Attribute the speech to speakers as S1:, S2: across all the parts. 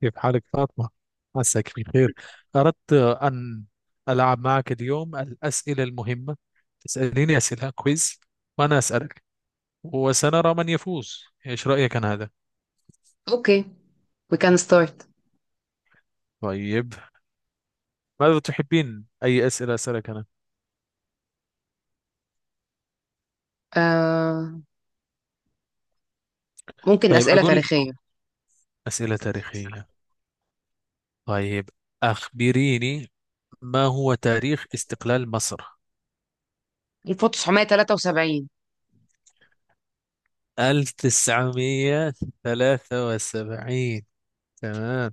S1: كيف حالك فاطمة؟ عساك بخير. أردت أن ألعب معك اليوم الأسئلة المهمة، تسأليني أسئلة كويز وأنا أسألك، وسنرى من يفوز. إيش رأيك عن هذا؟
S2: اوكي. وي كان ستارت.
S1: طيب، ماذا تحبين؟ أي أسئلة أسألك أنا؟
S2: ممكن
S1: طيب،
S2: أسئلة
S1: أقول
S2: تاريخية.
S1: أسئلة تاريخية. طيب، أخبريني، ما هو تاريخ استقلال مصر؟
S2: 1973.
S1: 1973؟ تمام،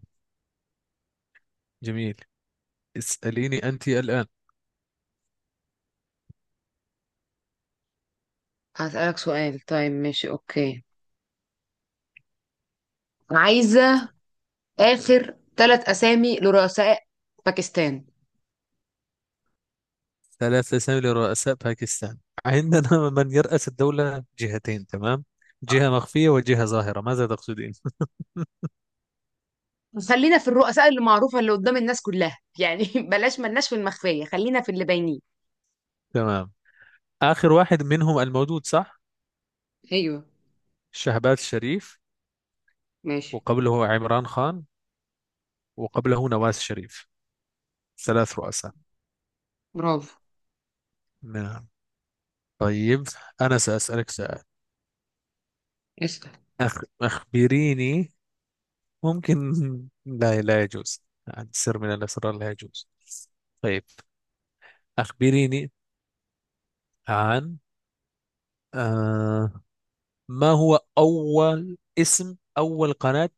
S1: جميل. اسأليني أنت الآن.
S2: هسألك سؤال. طيب، ماشي، اوكي. عايزة آخر ثلاث أسامي لرؤساء باكستان.
S1: ثلاث أسامي لرؤساء باكستان؟ عندنا من يرأس الدولة جهتين. تمام، جهة مخفية وجهة ظاهرة. ماذا تقصدين؟
S2: خلينا في الرؤساء اللي معروفة اللي قدام الناس كلها يعني بلاش ملناش في المخفية، خلينا في اللي باينين.
S1: تمام، آخر واحد منهم الموجود، صح؟
S2: ايوه.
S1: شهباز شريف،
S2: ماشي.
S1: وقبله عمران خان، وقبله نواز شريف. ثلاث رؤساء.
S2: برافو.
S1: نعم، طيب. أنا سأسألك سؤال.
S2: اسأل.
S1: أخبريني، ممكن؟ لا، لا يجوز عن سر من الأسرار، لا يجوز. طيب، أخبريني عن، آه... ما هو أول قناة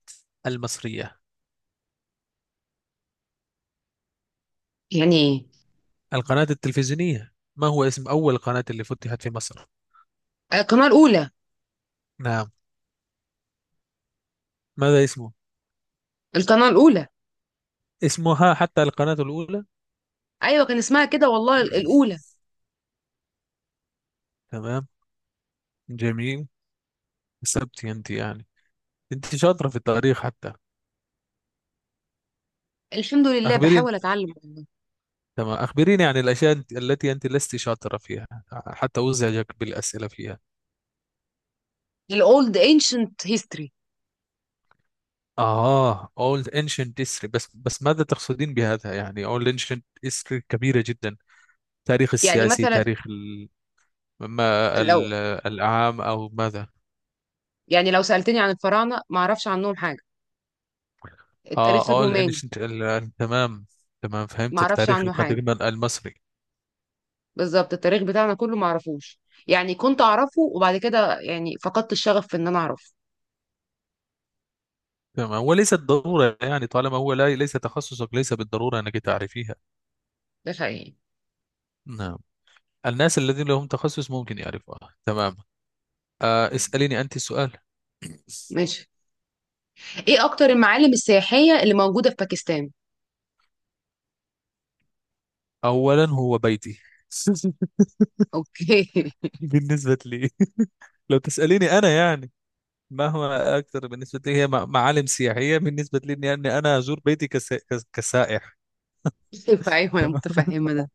S1: المصرية،
S2: يعني ايه؟
S1: القناة التلفزيونية؟ ما هو اسم أول قناة اللي فتحت في مصر؟
S2: آه، القناة الأولى.
S1: نعم. ماذا اسمه؟
S2: القناة الأولى.
S1: اسمها حتى القناة الأولى.
S2: أيوة، كان اسمها كده والله الأولى.
S1: تمام، جميل. كسبت أنت يعني، أنت شاطرة في التاريخ حتى.
S2: الحمد لله،
S1: أخبريني.
S2: بحاول أتعلم والله.
S1: تمام، أخبريني عن الأشياء التي أنت لست شاطرة فيها، حتى أزعجك بالأسئلة فيها.
S2: الأولد ancient history.
S1: Old Ancient History. بس، ماذا تقصدين بهذا؟ يعني Old Ancient History كبيرة جدا. تاريخ
S2: يعني
S1: السياسي،
S2: مثلا
S1: ما
S2: لو
S1: ال... العام أو ماذا؟
S2: يعني لو سألتني عن الفراعنة ما اعرفش عنهم حاجة. التاريخ
S1: All
S2: الروماني
S1: ancient تمام، تمام،
S2: ما
S1: فهمت.
S2: اعرفش
S1: التاريخ
S2: عنه حاجة.
S1: القديم المصري.
S2: بالظبط، التاريخ بتاعنا كله ما اعرفوش. يعني كنت اعرفه وبعد كده يعني فقدت الشغف في ان انا اعرفه.
S1: تمام، وليست ضرورة يعني، طالما هو لا، ليس تخصصك، ليس بالضرورة أنك تعرفيها.
S2: ده حقيقي.
S1: نعم، الناس الذين لهم تخصص ممكن يعرفوها. تمام، اسأليني أنت السؤال.
S2: ماشي. ايه اكتر المعالم السياحية اللي موجودة في باكستان؟
S1: أولا، هو بيتي.
S2: اوكي
S1: بالنسبة لي، لو تسأليني أنا يعني، مهما اكتر بالنسبه لي هي معالم سياحيه، بالنسبه لي اني أني انا ازور بيتي كسائح.
S2: ايوه ايوه، انا
S1: تمام.
S2: متفهمة ده.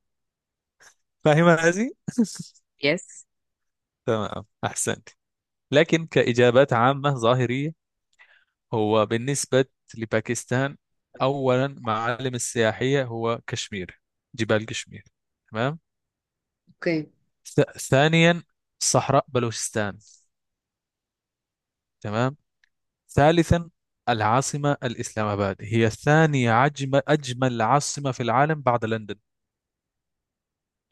S1: فاهمه هذه.
S2: يس.
S1: تمام، احسنت. لكن كاجابات عامه ظاهريه، هو بالنسبه لباكستان، اولا معالم السياحيه هو كشمير، جبال كشمير. تمام.
S2: اوكي.
S1: ثانيا، صحراء بلوچستان. تمام. ثالثا، العاصمه الاسلام اباد هي ثاني اجمل عاصمه في العالم بعد لندن.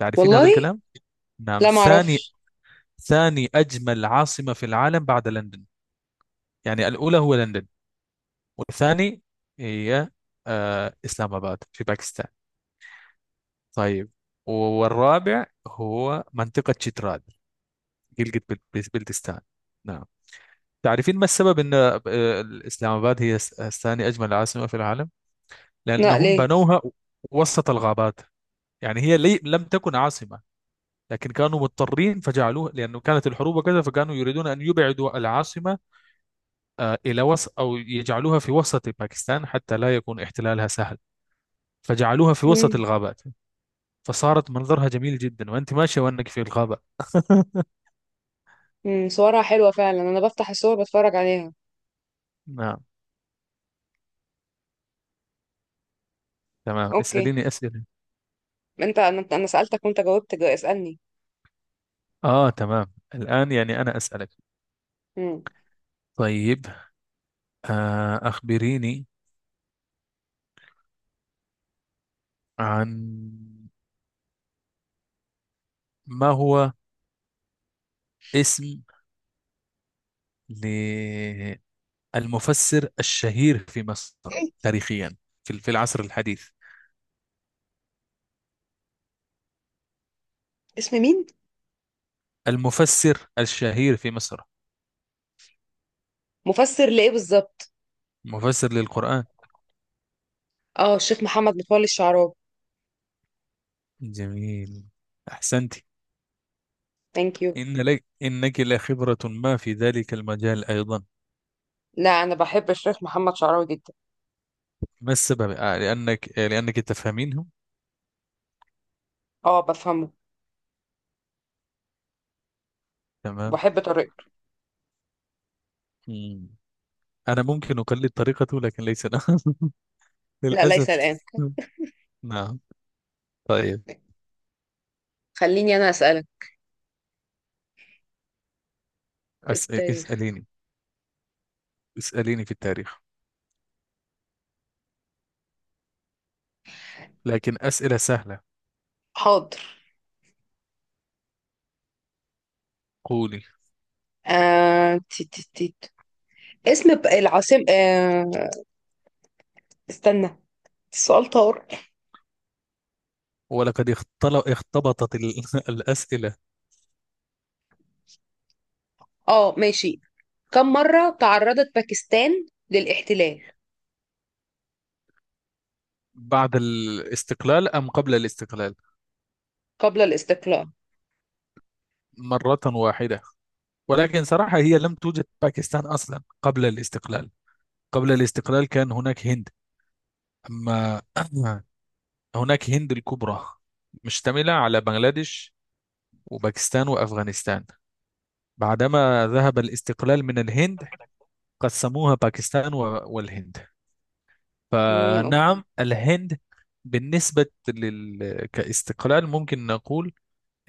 S1: تعرفين هذا
S2: والله؟
S1: الكلام؟ نعم،
S2: لا، ما
S1: ثاني
S2: اعرفش.
S1: ثاني أجمل عاصمة في العالم بعد لندن. يعني الأولى هو لندن، والثاني هي، إسلام آباد في باكستان. طيب، والرابع هو منطقة شتراد، گلگت بلتستان. نعم. تعرفين ما السبب أن إسلام آباد هي ثاني أجمل عاصمة في العالم؟
S2: لا،
S1: لأنهم
S2: ليه؟
S1: بنوها وسط الغابات. يعني هي لم تكن عاصمة، لكن كانوا مضطرين فجعلوها، لأنه كانت الحروب وكذا، فكانوا يريدون أن يبعدوا العاصمة إلى وسط، أو يجعلوها في وسط باكستان حتى لا يكون احتلالها سهل، فجعلوها في وسط
S2: مم.
S1: الغابات. فصارت منظرها جميل جدا وأنت ماشية، وأنك في الغابة.
S2: مم. صورها حلوة فعلا، انا بفتح الصور بتفرج عليها.
S1: نعم، تمام،
S2: اوكي.
S1: اسأليني أسئلة.
S2: انت انا سألتك وانت جاوبت، اسألني.
S1: تمام، الآن يعني أنا أسألك.
S2: مم.
S1: طيب، أخبريني عن، ما هو اسم للمفسر الشهير في مصر،
S2: إيه؟
S1: تاريخيا، في العصر الحديث؟
S2: اسم مين؟
S1: المفسر الشهير في مصر،
S2: مفسر لإيه بالظبط؟
S1: مفسر للقرآن.
S2: اه، الشيخ محمد متولي الشعراوي.
S1: جميل، أحسنت.
S2: ثانك يو.
S1: إن لك إنك لخبرة ما في ذلك المجال أيضا.
S2: لا، أنا بحب الشيخ محمد شعراوي جدا.
S1: ما السبب؟ لأنك تفهمينه.
S2: اه، بفهمه
S1: تمام.
S2: وبحب طريقته.
S1: مم. أنا ممكن أقلد طريقته، لكن ليس أنا.
S2: لا، ليس
S1: للأسف.
S2: الآن.
S1: نعم، طيب.
S2: خليني أنا أسألك في
S1: أس...
S2: التاريخ.
S1: اسأليني اسأليني في التاريخ، لكن أسئلة سهلة.
S2: حاضر.
S1: قولي.
S2: آه... تي تي تي. اسم العاصمة استنى، السؤال طار.
S1: ولقد اختبطت الأسئلة.
S2: اه، ماشي. كم مرة تعرضت باكستان للاحتلال؟
S1: بعد الاستقلال أم قبل الاستقلال؟
S2: قبل الاستقلال؟
S1: مرة واحدة، ولكن صراحة هي لم توجد باكستان أصلا قبل الاستقلال. قبل الاستقلال كان هناك هند. أما، هناك هند الكبرى، مشتملة على بنغلاديش وباكستان وأفغانستان. بعدما ذهب الاستقلال من الهند، قسموها باكستان والهند.
S2: اوكي.
S1: فنعم، الهند. بالنسبة كاستقلال، ممكن نقول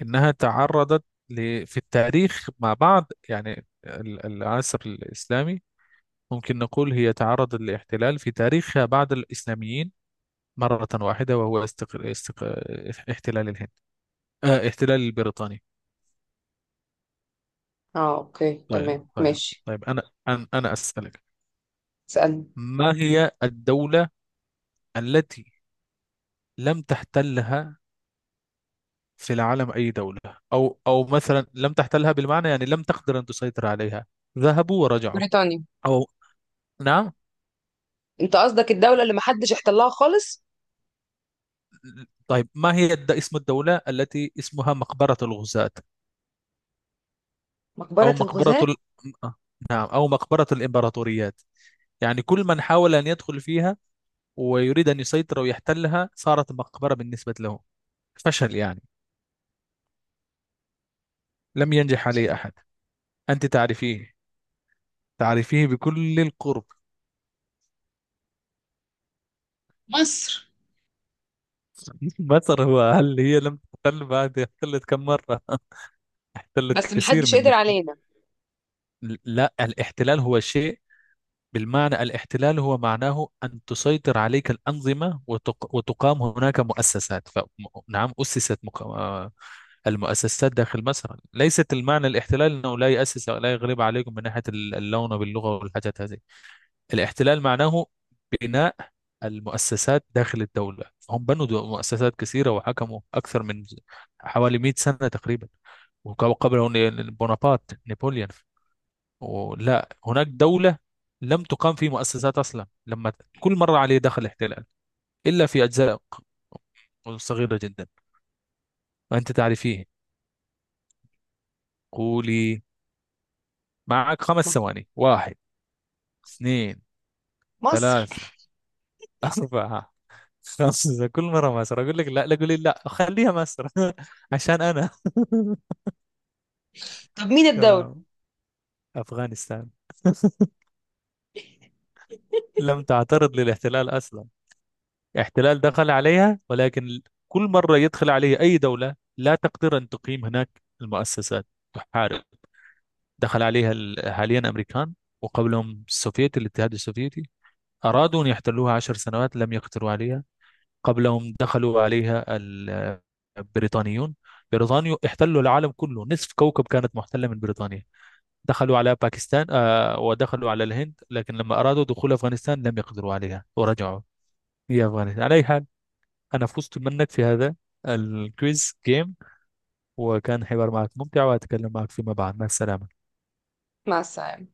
S1: إنها تعرضت في التاريخ مع بعض، يعني العصر الإسلامي، ممكن نقول هي تعرضت للاحتلال في تاريخها بعد الإسلاميين مرة واحدة، وهو احتلال الهند، احتلال البريطاني.
S2: اه، اوكي،
S1: طيب،
S2: تمام،
S1: طيب،
S2: ماشي.
S1: طيب. أنا أسألك.
S2: اسألني.
S1: ما هي الدولة التي لم تحتلها في العالم؟ أي دولة. أو مثلا لم تحتلها بالمعنى، يعني لم تقدر أن تسيطر عليها، ذهبوا ورجعوا.
S2: بريطانيا.
S1: أو، نعم.
S2: انت قصدك الدولة اللي محدش احتلها خالص؟
S1: طيب، ما هي اسم الدولة التي اسمها مقبرة الغزاة، أو
S2: مقبرة
S1: مقبرة
S2: الغزاة.
S1: ال... آه، نعم، أو مقبرة الإمبراطوريات؟ يعني كل من حاول أن يدخل فيها ويريد أن يسيطر ويحتلها، صارت مقبرة بالنسبة له، فشل يعني، لم ينجح عليه أحد. أنت تعرفيه، تعرفيه بكل القرب.
S2: مصر.
S1: مصر؟ هل هي لم تحتل؟ بعد احتلت كم مرة. احتلت
S2: بس
S1: كثير
S2: محدش
S1: من
S2: قدر
S1: نبوء.
S2: علينا.
S1: لا، الاحتلال هو شيء بالمعنى، الاحتلال هو معناه أن تسيطر عليك الأنظمة، وتقام هناك مؤسسات نعم، أسست مق... آه، المؤسسات داخل مصر. ليست المعنى الاحتلال أنه لا يؤسس أو لا يغلب عليكم من ناحية اللون، باللغة والحاجات هذه. الاحتلال معناه بناء المؤسسات داخل الدولة. هم بنوا مؤسسات كثيرة وحكموا أكثر من حوالي 100 سنة تقريبا. وقبل بونابرت نابليون، لا، هناك دولة لم تقام في مؤسسات أصلا، لما كل مرة عليه دخل احتلال إلا في أجزاء صغيرة جدا. وأنت تعرفيه. قولي. معك 5 ثواني. واحد، اثنين،
S2: مصر.
S1: ثلاثة، أربعة، خمسة. كل مرة مصر. أقول لك لا، لا، قولي لا، خليها مصر. عشان أنا.
S2: طب مين الدولة؟
S1: تمام. أفغانستان لم تعترض للاحتلال أصلا. احتلال دخل عليها، ولكن كل مرة يدخل عليها أي دولة لا تقدر أن تقيم هناك المؤسسات، تحارب. دخل عليها حاليا أمريكان، وقبلهم السوفيت، الاتحاد السوفيتي، أرادوا أن يحتلوها 10 سنوات لم يقدروا عليها. قبلهم دخلوا عليها البريطانيون. بريطانيا احتلوا العالم كله، نصف كوكب كانت محتلة من بريطانيا. دخلوا على باكستان، ودخلوا على الهند، لكن لما أرادوا دخول أفغانستان لم يقدروا عليها ورجعوا. هي أفغانستان على أي حال. أنا فزت منك في هذا الكويز جيم. وكان حوار معك ممتع، وأتكلم معك فيما بعد. مع السلامة.
S2: مع السلامة.